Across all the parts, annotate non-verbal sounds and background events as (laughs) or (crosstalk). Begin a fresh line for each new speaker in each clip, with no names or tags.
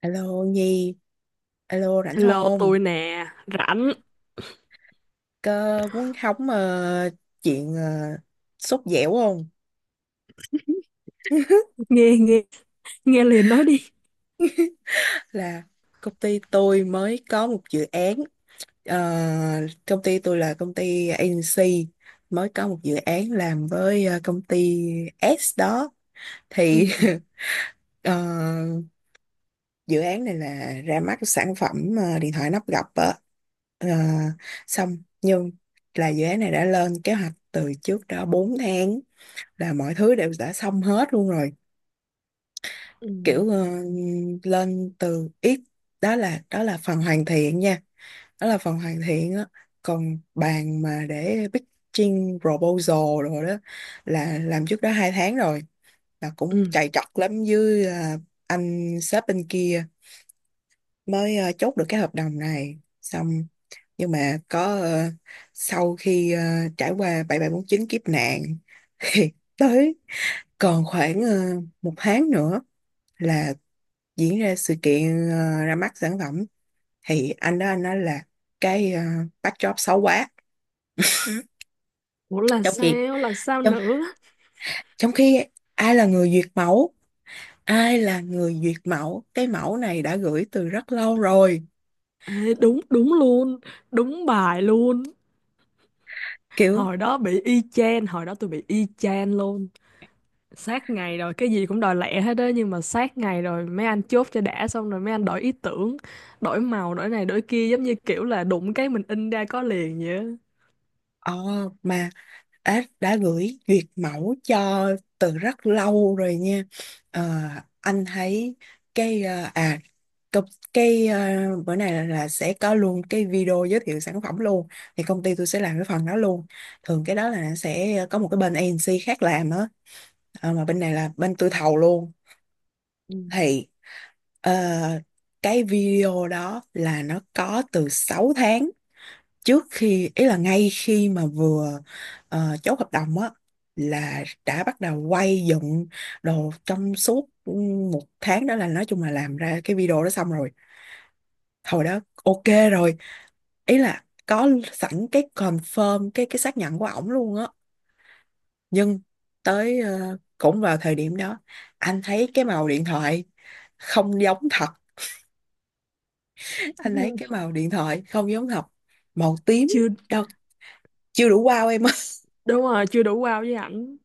Alo Nhi, alo rảnh
Hello,
không?
tôi nè, rảnh,
Cơ muốn hóng chuyện sốt dẻo không? (laughs)
nghe nghe nghe liền nói đi.
Là công ty tôi mới có một dự án, ờ, công ty tôi là công ty agency, mới có một dự án làm với công ty S đó. Thì
Ừ, ừ,
(laughs) ờ, dự án này là ra mắt sản phẩm điện thoại nắp gập á. Ờ, xong nhưng là dự án này đã lên kế hoạch từ trước đó 4 tháng là mọi thứ đều đã xong hết luôn rồi,
ừ,
kiểu lên từ ít. Đó là phần hoàn thiện nha, đó là phần hoàn thiện á. Còn bàn mà để pitching proposal rồi đó là làm trước đó hai tháng rồi, là cũng
ừ.
chạy chọt lắm với anh sếp bên kia mới chốt được cái hợp đồng này. Xong nhưng mà có sau khi trải qua bảy bảy bốn chín kiếp nạn (laughs) thì tới còn khoảng một tháng nữa là diễn ra sự kiện ra mắt sản phẩm. Thì anh đó anh nói là cái ờ, backdrop xấu quá.
Ủa
trong khi
là sao
trong,
nữa?
trong khi ai là người duyệt mẫu, ai là người duyệt mẫu? Cái mẫu này đã gửi từ rất lâu rồi,
Ê, đúng, đúng luôn, đúng bài luôn.
kiểu
Hồi đó bị y chang, hồi đó tôi bị y chang luôn. Sát ngày rồi, cái gì cũng đòi lẹ hết á, nhưng mà sát ngày rồi mấy anh chốt cho đã xong rồi mấy anh đổi ý tưởng, đổi màu, đổi này, đổi kia, giống như kiểu là đụng cái mình in ra có liền vậy á.
ờ, mà đã gửi duyệt mẫu cho từ rất lâu rồi nha. Ờ, anh thấy cái ờ, à Cục cái ờ, bữa này là sẽ có luôn cái video giới thiệu sản phẩm luôn, thì công ty tôi sẽ làm cái phần đó luôn. Thường cái đó là sẽ có một cái bên agency khác làm á. Ờ, mà bên này là bên tôi thầu luôn.
Ừ.
Thì ờ, cái video đó là nó có từ 6 tháng trước, khi ý là ngay khi mà vừa chốt hợp đồng á là đã bắt đầu quay dựng đồ. Trong suốt một tháng đó là nói chung là làm ra cái video đó xong rồi, hồi đó ok rồi, ý là có sẵn cái confirm, cái xác nhận của ổng luôn á. Nhưng tới cũng vào thời điểm đó anh thấy cái màu điện thoại không giống thật. (laughs) Anh thấy cái
(laughs)
màu điện thoại không giống thật, màu tím
Chưa,
đâu, chưa đủ wow em ơi.
đúng rồi, chưa đủ wow với ảnh.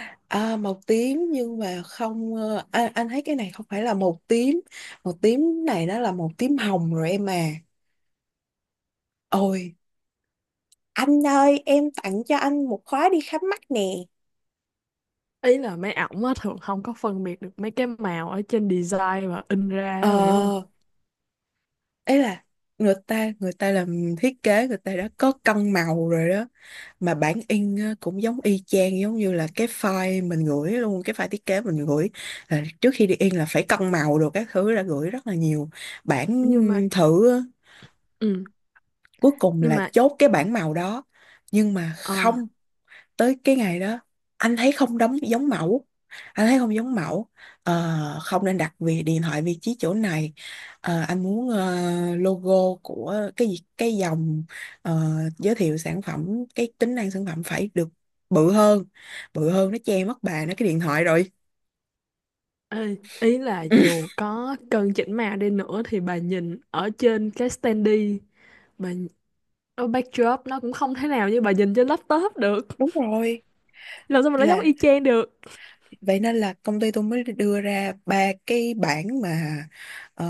(laughs) À, màu tím nhưng mà không anh thấy cái này không phải là màu tím, màu tím này nó là màu tím hồng rồi em à. Ôi anh ơi em tặng cho anh một khóa đi khám mắt nè.
Ý là mấy ổng á thường không có phân biệt được mấy cái màu ở trên design và in ra á,
Ờ,
bà hiểu không?
ấy là người ta làm thiết kế, người ta đã có cân màu rồi đó, mà bản in á cũng giống y chang, giống như là cái file mình gửi luôn, cái file thiết kế mình gửi là trước khi đi in là phải cân màu đồ các thứ, đã gửi rất là nhiều bản
Nhưng mà
thử á.
ừ,
Cuối cùng
nhưng
là
mà
chốt cái bản màu đó, nhưng mà
ờ,
không, tới cái ngày đó anh thấy không đóng giống mẫu, anh thấy không giống mẫu. Ờ, không nên đặt vì điện thoại vị trí chỗ này. Ờ, anh muốn logo của cái gì- cái dòng ờ, giới thiệu sản phẩm, cái tính năng sản phẩm phải được bự hơn, bự hơn nó che mất bà nó cái điện thoại rồi.
Ê, ý là dù
(laughs)
có cân chỉnh màu đi nữa thì bà nhìn ở trên cái standee, bà nh- ở backdrop nó cũng không thể nào như bà nhìn trên laptop được,
Đúng rồi,
làm sao mà nó giống
là
y chang được.
vậy nên là công ty tôi mới đưa ra ba cái bảng mà ờ,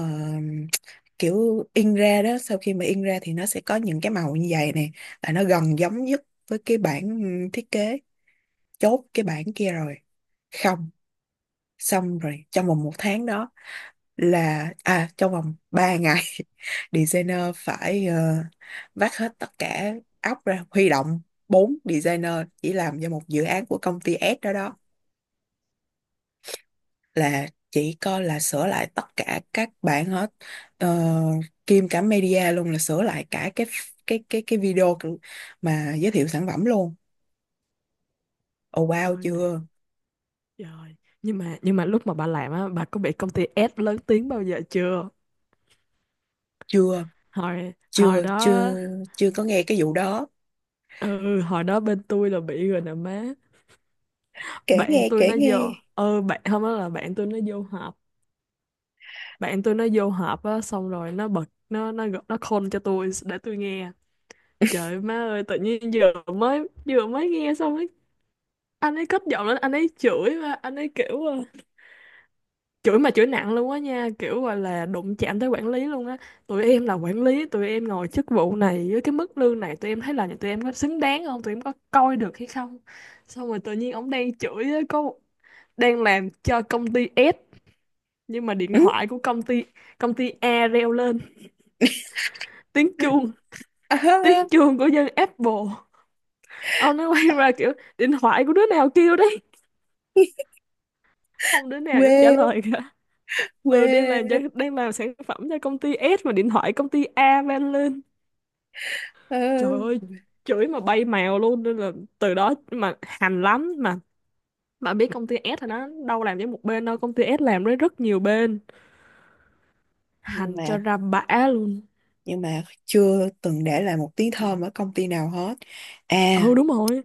kiểu in ra đó, sau khi mà in ra thì nó sẽ có những cái màu như vậy nè, là nó gần giống nhất với cái bản thiết kế. Chốt cái bản kia rồi, không, xong rồi trong vòng một tháng đó là à trong vòng 3 ngày (laughs) designer phải vác hết tất cả óc ra huy động bốn designer chỉ làm cho một dự án của công ty S đó đó, là chỉ coi là sửa lại tất cả các bản hết. Ờ, kiêm cả media luôn, là sửa lại cả cái video mà giới thiệu sản phẩm luôn. Oh wow,
Ơi là
chưa,
trời. Nhưng mà, lúc mà bà làm á, bà có bị công ty ép lớn tiếng bao giờ chưa?
chưa
Hồi hồi
chưa
đó.
chưa chưa có nghe cái vụ đó.
Ừ, hồi đó bên tôi là bị rồi nè má.
Kể
Bạn
nghe,
tôi
kể
nó
nghe.
vô, ừ, bạn không, đó là bạn tôi nó vô họp. Bạn tôi nó vô họp á, xong rồi nó bật, nó call cho tôi để tôi nghe. Trời ơi, má ơi, tự nhiên vừa mới nghe xong ấy. Anh ấy cất giọng lên, anh ấy chửi, mà anh ấy kiểu chửi mà chửi nặng luôn á nha, kiểu gọi là đụng chạm tới quản lý luôn á. Tụi em là quản lý, tụi em ngồi chức vụ này với cái mức lương này, tụi em thấy là tụi em có xứng đáng không, tụi em có coi được hay không? Xong rồi tự nhiên ổng đang chửi á, đang làm cho công ty S, nhưng mà điện
Ừ? (laughs)
thoại của công ty A reo lên. Tiếng chuông,
À, ha,
tiếng chuông của dân Apple. Ông nó quay ra kiểu: điện thoại của đứa nào kêu đấy? Không đứa nào dám trả
quê,
lời cả. Ừ,
quê.
đang làm sản phẩm cho công ty S mà điện thoại công ty A vang lên.
Ờ.
Trời ơi, chửi mà bay mèo luôn, nên là từ đó mà hành lắm. Mà biết công ty S thì nó đâu làm với một bên đâu, công ty S làm với rất nhiều bên,
Nhưng
hành
mà,
cho ra bã luôn.
nhưng mà chưa từng để lại một tiếng thơm ở công ty nào hết.
Ừ,
À
đúng rồi,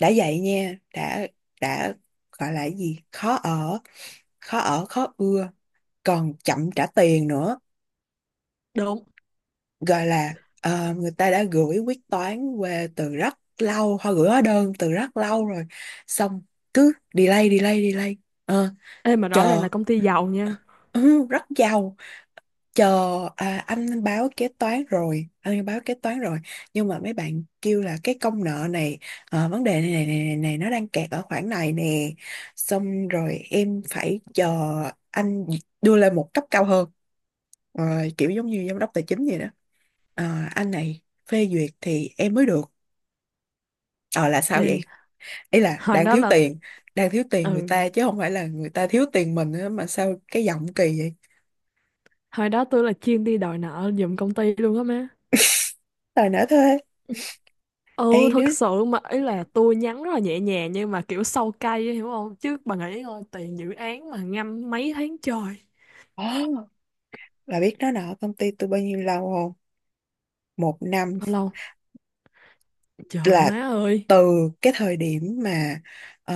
đã vậy nha, đã, gọi là cái gì, khó ở, khó ở khó ưa, còn chậm trả tiền nữa.
đúng.
Gọi là người ta đã gửi quyết toán về từ rất lâu, họ gửi hóa đơn từ rất lâu rồi, xong cứ delay delay delay. Ờ,
Ê mà rõ ràng
chờ.
là công ty giàu nha.
Ừ, rất giàu. Chờ. À, anh báo kế toán rồi, anh báo kế toán rồi, nhưng mà mấy bạn kêu là cái công nợ này vấn đề này này, này này này nó đang kẹt ở khoản này nè, xong rồi em phải chờ anh đưa lên một cấp cao hơn. Ờ, kiểu giống như giám đốc tài chính vậy đó. Ờ, anh này phê duyệt thì em mới được. Ờ là sao
Ê,
vậy, ý là
hồi
đang
đó
thiếu
là
tiền, đang thiếu tiền người
ừ
ta chứ không phải là người ta thiếu tiền mình á, mà sao cái giọng kỳ vậy.
hồi đó tôi là chuyên đi đòi nợ giùm công ty luôn á má.
Đòi nợ thuê.
Ừ,
Ê đứa.
thật sự mà ý là tôi nhắn rất là nhẹ nhàng nhưng mà kiểu sâu cay ấy, hiểu không, chứ bà nghĩ coi tiền dự án mà ngâm mấy tháng trời.
Ờ. Là biết nó nợ công ty tôi bao nhiêu lâu không? Một năm.
Bao lâu? Trời
Là
má ơi.
từ cái thời điểm mà ờ,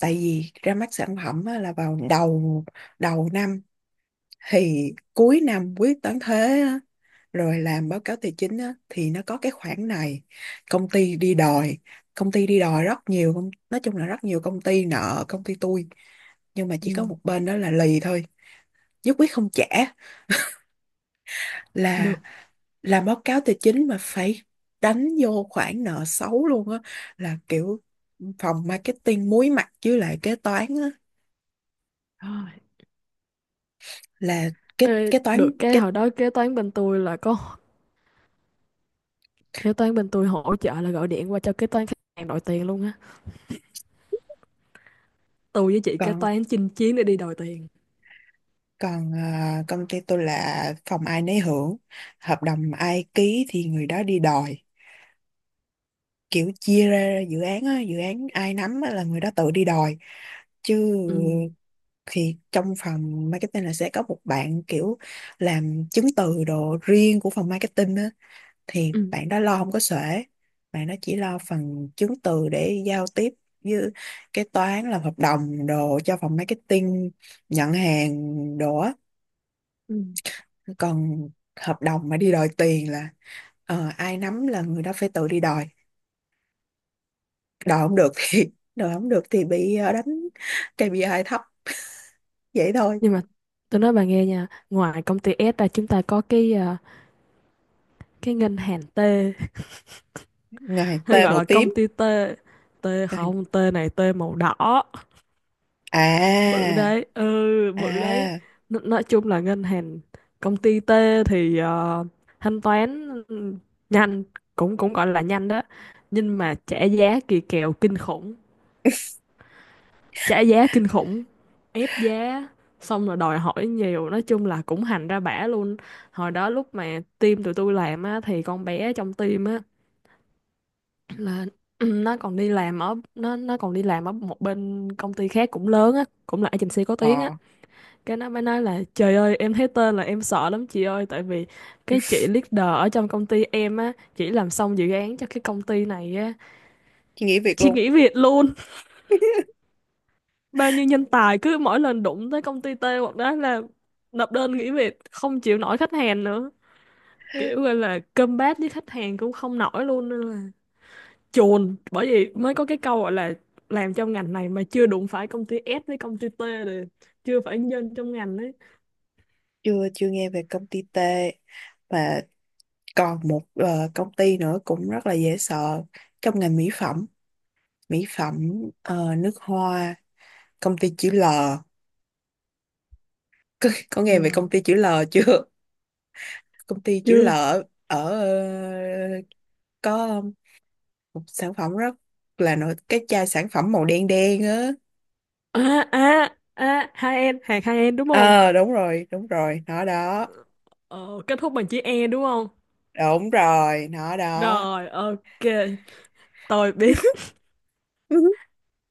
tại vì ra mắt sản phẩm á, là vào đầu đầu năm, thì cuối năm quyết toán thuế á, rồi làm báo cáo tài chính á, thì nó có cái khoản này. Công ty đi đòi, công ty đi đòi rất nhiều công- nói chung là rất nhiều công ty nợ công ty tôi, nhưng mà
Ừ,
chỉ có một bên đó là lì thôi, nhất quyết không trả. Là
được
làm báo cáo tài chính mà phải đánh vô khoản nợ xấu luôn á. Là kiểu phòng marketing muối mặt với lại kế toán á,
rồi.
là kế
Ê,
kế toán
được cái
kế
hồi đó kế toán bên tôi là có, kế toán bên tôi hỗ trợ là gọi điện qua cho kế toán khách hàng đòi tiền luôn á. Tôi với chị kế
Còn,
toán chinh chiến để đi đòi tiền.
còn à, công ty tôi là phòng ai nấy hưởng, hợp đồng ai ký thì người đó đi đòi, kiểu chia ra dự án á, dự án ai nắm á là người đó tự đi đòi chứ.
Ừ,
Thì trong phòng marketing là sẽ có một bạn kiểu làm chứng từ đồ riêng của phòng marketing á, thì
ừ,
bạn đó lo không có xuể. Bạn đó chỉ lo phần chứng từ để giao tiếp với kế toán, làm hợp đồng đồ cho phòng marketing, nhận hàng đồ á.
ừ,
Còn hợp đồng mà đi đòi tiền là ai nắm là người đó phải tự đi đòi. Đòi không được thì (laughs) đòi không được thì bị đánh KPI thấp, vậy thôi.
nhưng mà tôi nói bà nghe nha, ngoài công ty S ra chúng ta có cái ngân hàng T,
Ngày T
hay gọi
màu
là công
tím.
ty T. T
Ngày-
không, T này T màu đỏ bự
à,
đấy, ừ, bự đấy.
à,
N, nói chung là ngân hàng, công ty T thì thanh toán, nhanh, cũng cũng gọi là nhanh đó, nhưng mà trả giá kỳ kèo kinh khủng, trả giá kinh khủng, ép giá xong rồi đòi hỏi nhiều, nói chung là cũng hành ra bả luôn. Hồi đó lúc mà team tụi tôi làm á thì con bé trong team á là (clears throat) nó còn đi làm ở một bên công ty khác cũng lớn á, cũng là agency có tiếng á.
ờ
Cái nó mới nói là trời ơi em thấy tên là em sợ lắm chị ơi, tại vì cái chị leader ở trong công ty em á, chỉ làm xong dự án cho cái công ty này á,
chị nghỉ việc
chị
luôn.
nghỉ việc luôn.
(laughs)
Bao nhiêu nhân tài cứ mỗi lần đụng tới công ty T hoặc đó là nộp đơn nghỉ việc, không chịu nổi khách hàng nữa, kiểu gọi là combat với khách hàng cũng không nổi luôn, nên là chồn, bởi vì mới có cái câu gọi là làm trong ngành này mà chưa đụng phải công ty S với công ty T rồi chưa phải nhân trong ngành đấy.
Chưa, chưa nghe về công ty T. Mà còn một công ty nữa cũng rất là dễ sợ, trong ngành mỹ phẩm, mỹ phẩm, nước hoa, công ty chữ L. Có nghe về công
N.
ty chữ L chưa? (laughs) Công ty chữ L
Chưa.
ở có một sản phẩm rất là nổi, cái chai sản phẩm màu đen đen á.
À à à, hai em hàng hai em đúng không?
Ờ đúng rồi, đúng rồi nó đó.
Ờ, kết thúc bằng chữ E đúng không?
Đúng rồi nó đó.
Rồi, ok, tôi biết.
(laughs)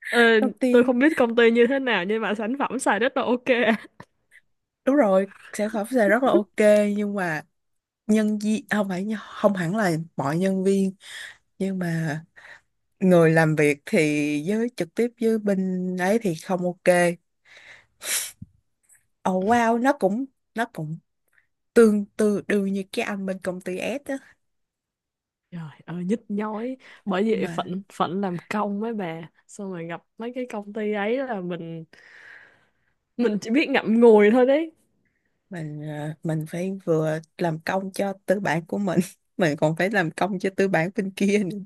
Ờ,
Công
tôi
ty,
không biết công ty như thế nào nhưng mà sản phẩm xài rất là ok.
đúng rồi, sản phẩm sẽ rất là ok, nhưng mà nhân viên không phải, không hẳn là mọi nhân viên, nhưng mà người làm việc thì với trực tiếp với bên ấy thì không ok. Oh wow, nó cũng, nó cũng tương tự đương như cái anh bên công ty S á.
Trời ơi nhức nhối, bởi vì
Mà
phận phận làm công mấy bà, xong rồi gặp mấy cái công ty ấy là mình chỉ biết ngậm ngùi thôi đấy.
mình mình phải vừa làm công cho tư bản của mình (laughs) mình còn phải làm công cho tư bản bên kia nữa.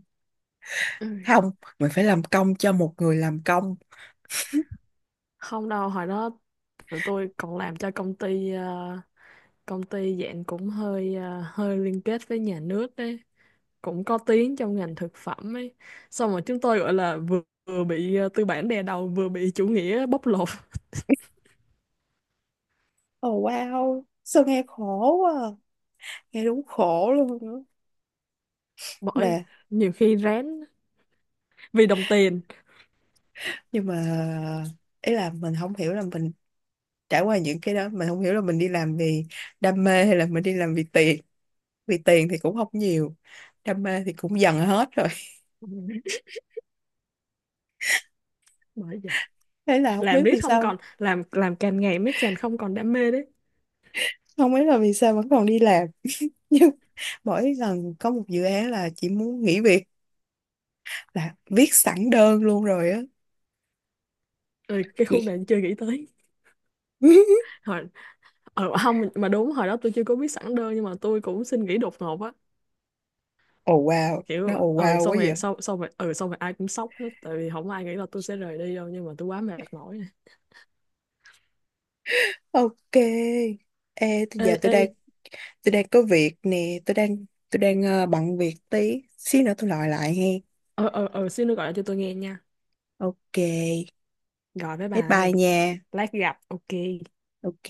Ừ.
Không, mình phải làm công cho một người làm công.
Không đâu, hồi đó tụi tôi còn làm cho công ty công ty dạng cũng hơi hơi liên kết với nhà nước đấy, cũng có tiếng trong ngành thực phẩm ấy. Xong rồi chúng tôi gọi là vừa bị tư bản đè đầu, vừa bị chủ nghĩa bóc lột. (laughs)
Oh wow sao nghe khổ quá à. Nghe đúng khổ luôn á.
Bởi
Mà
nhiều khi rén vì đồng tiền.
nhưng mà ý là mình không hiểu là mình trải qua những cái đó, mình không hiểu là mình đi làm vì đam mê hay là mình đi làm vì tiền. Vì tiền thì cũng không nhiều, đam mê thì cũng dần hết rồi.
(laughs) Bởi vậy
(laughs) Thế là không
làm
biết
riết
vì
không
sao,
còn làm càng ngày mới càng không còn đam mê đấy.
không biết là vì sao vẫn còn đi làm. (laughs) Nhưng mỗi lần có một dự án là chỉ muốn nghỉ việc, là viết sẵn đơn luôn rồi á
Ừ, cái khúc
chị.
này chưa nghĩ tới.
(laughs)
(laughs) hồi không mà đúng, hồi đó tôi chưa có biết sẵn đơn nhưng mà tôi cũng xin nghỉ đột ngột á,
Oh wow nó
kiểu
oh
ừ
wow quá
xong rồi
vậy.
sau xong rồi ừ xong rồi ai cũng sốc hết, tại vì không ai nghĩ là tôi sẽ rời đi đâu, nhưng mà tôi quá mệt mỏi.
Ok, ê tôi
Ê,
giờ tôi
ê.
đang, tôi đang có việc nè, tôi đang bận việc tí xíu nữa tôi gọi lại he.
Ờ, ờ, ờ, xin nó gọi lại cho tôi nghe nha,
Ok,
gọi với bà
bye bye
ấy,
nha.
lát gặp, ok.
Ok.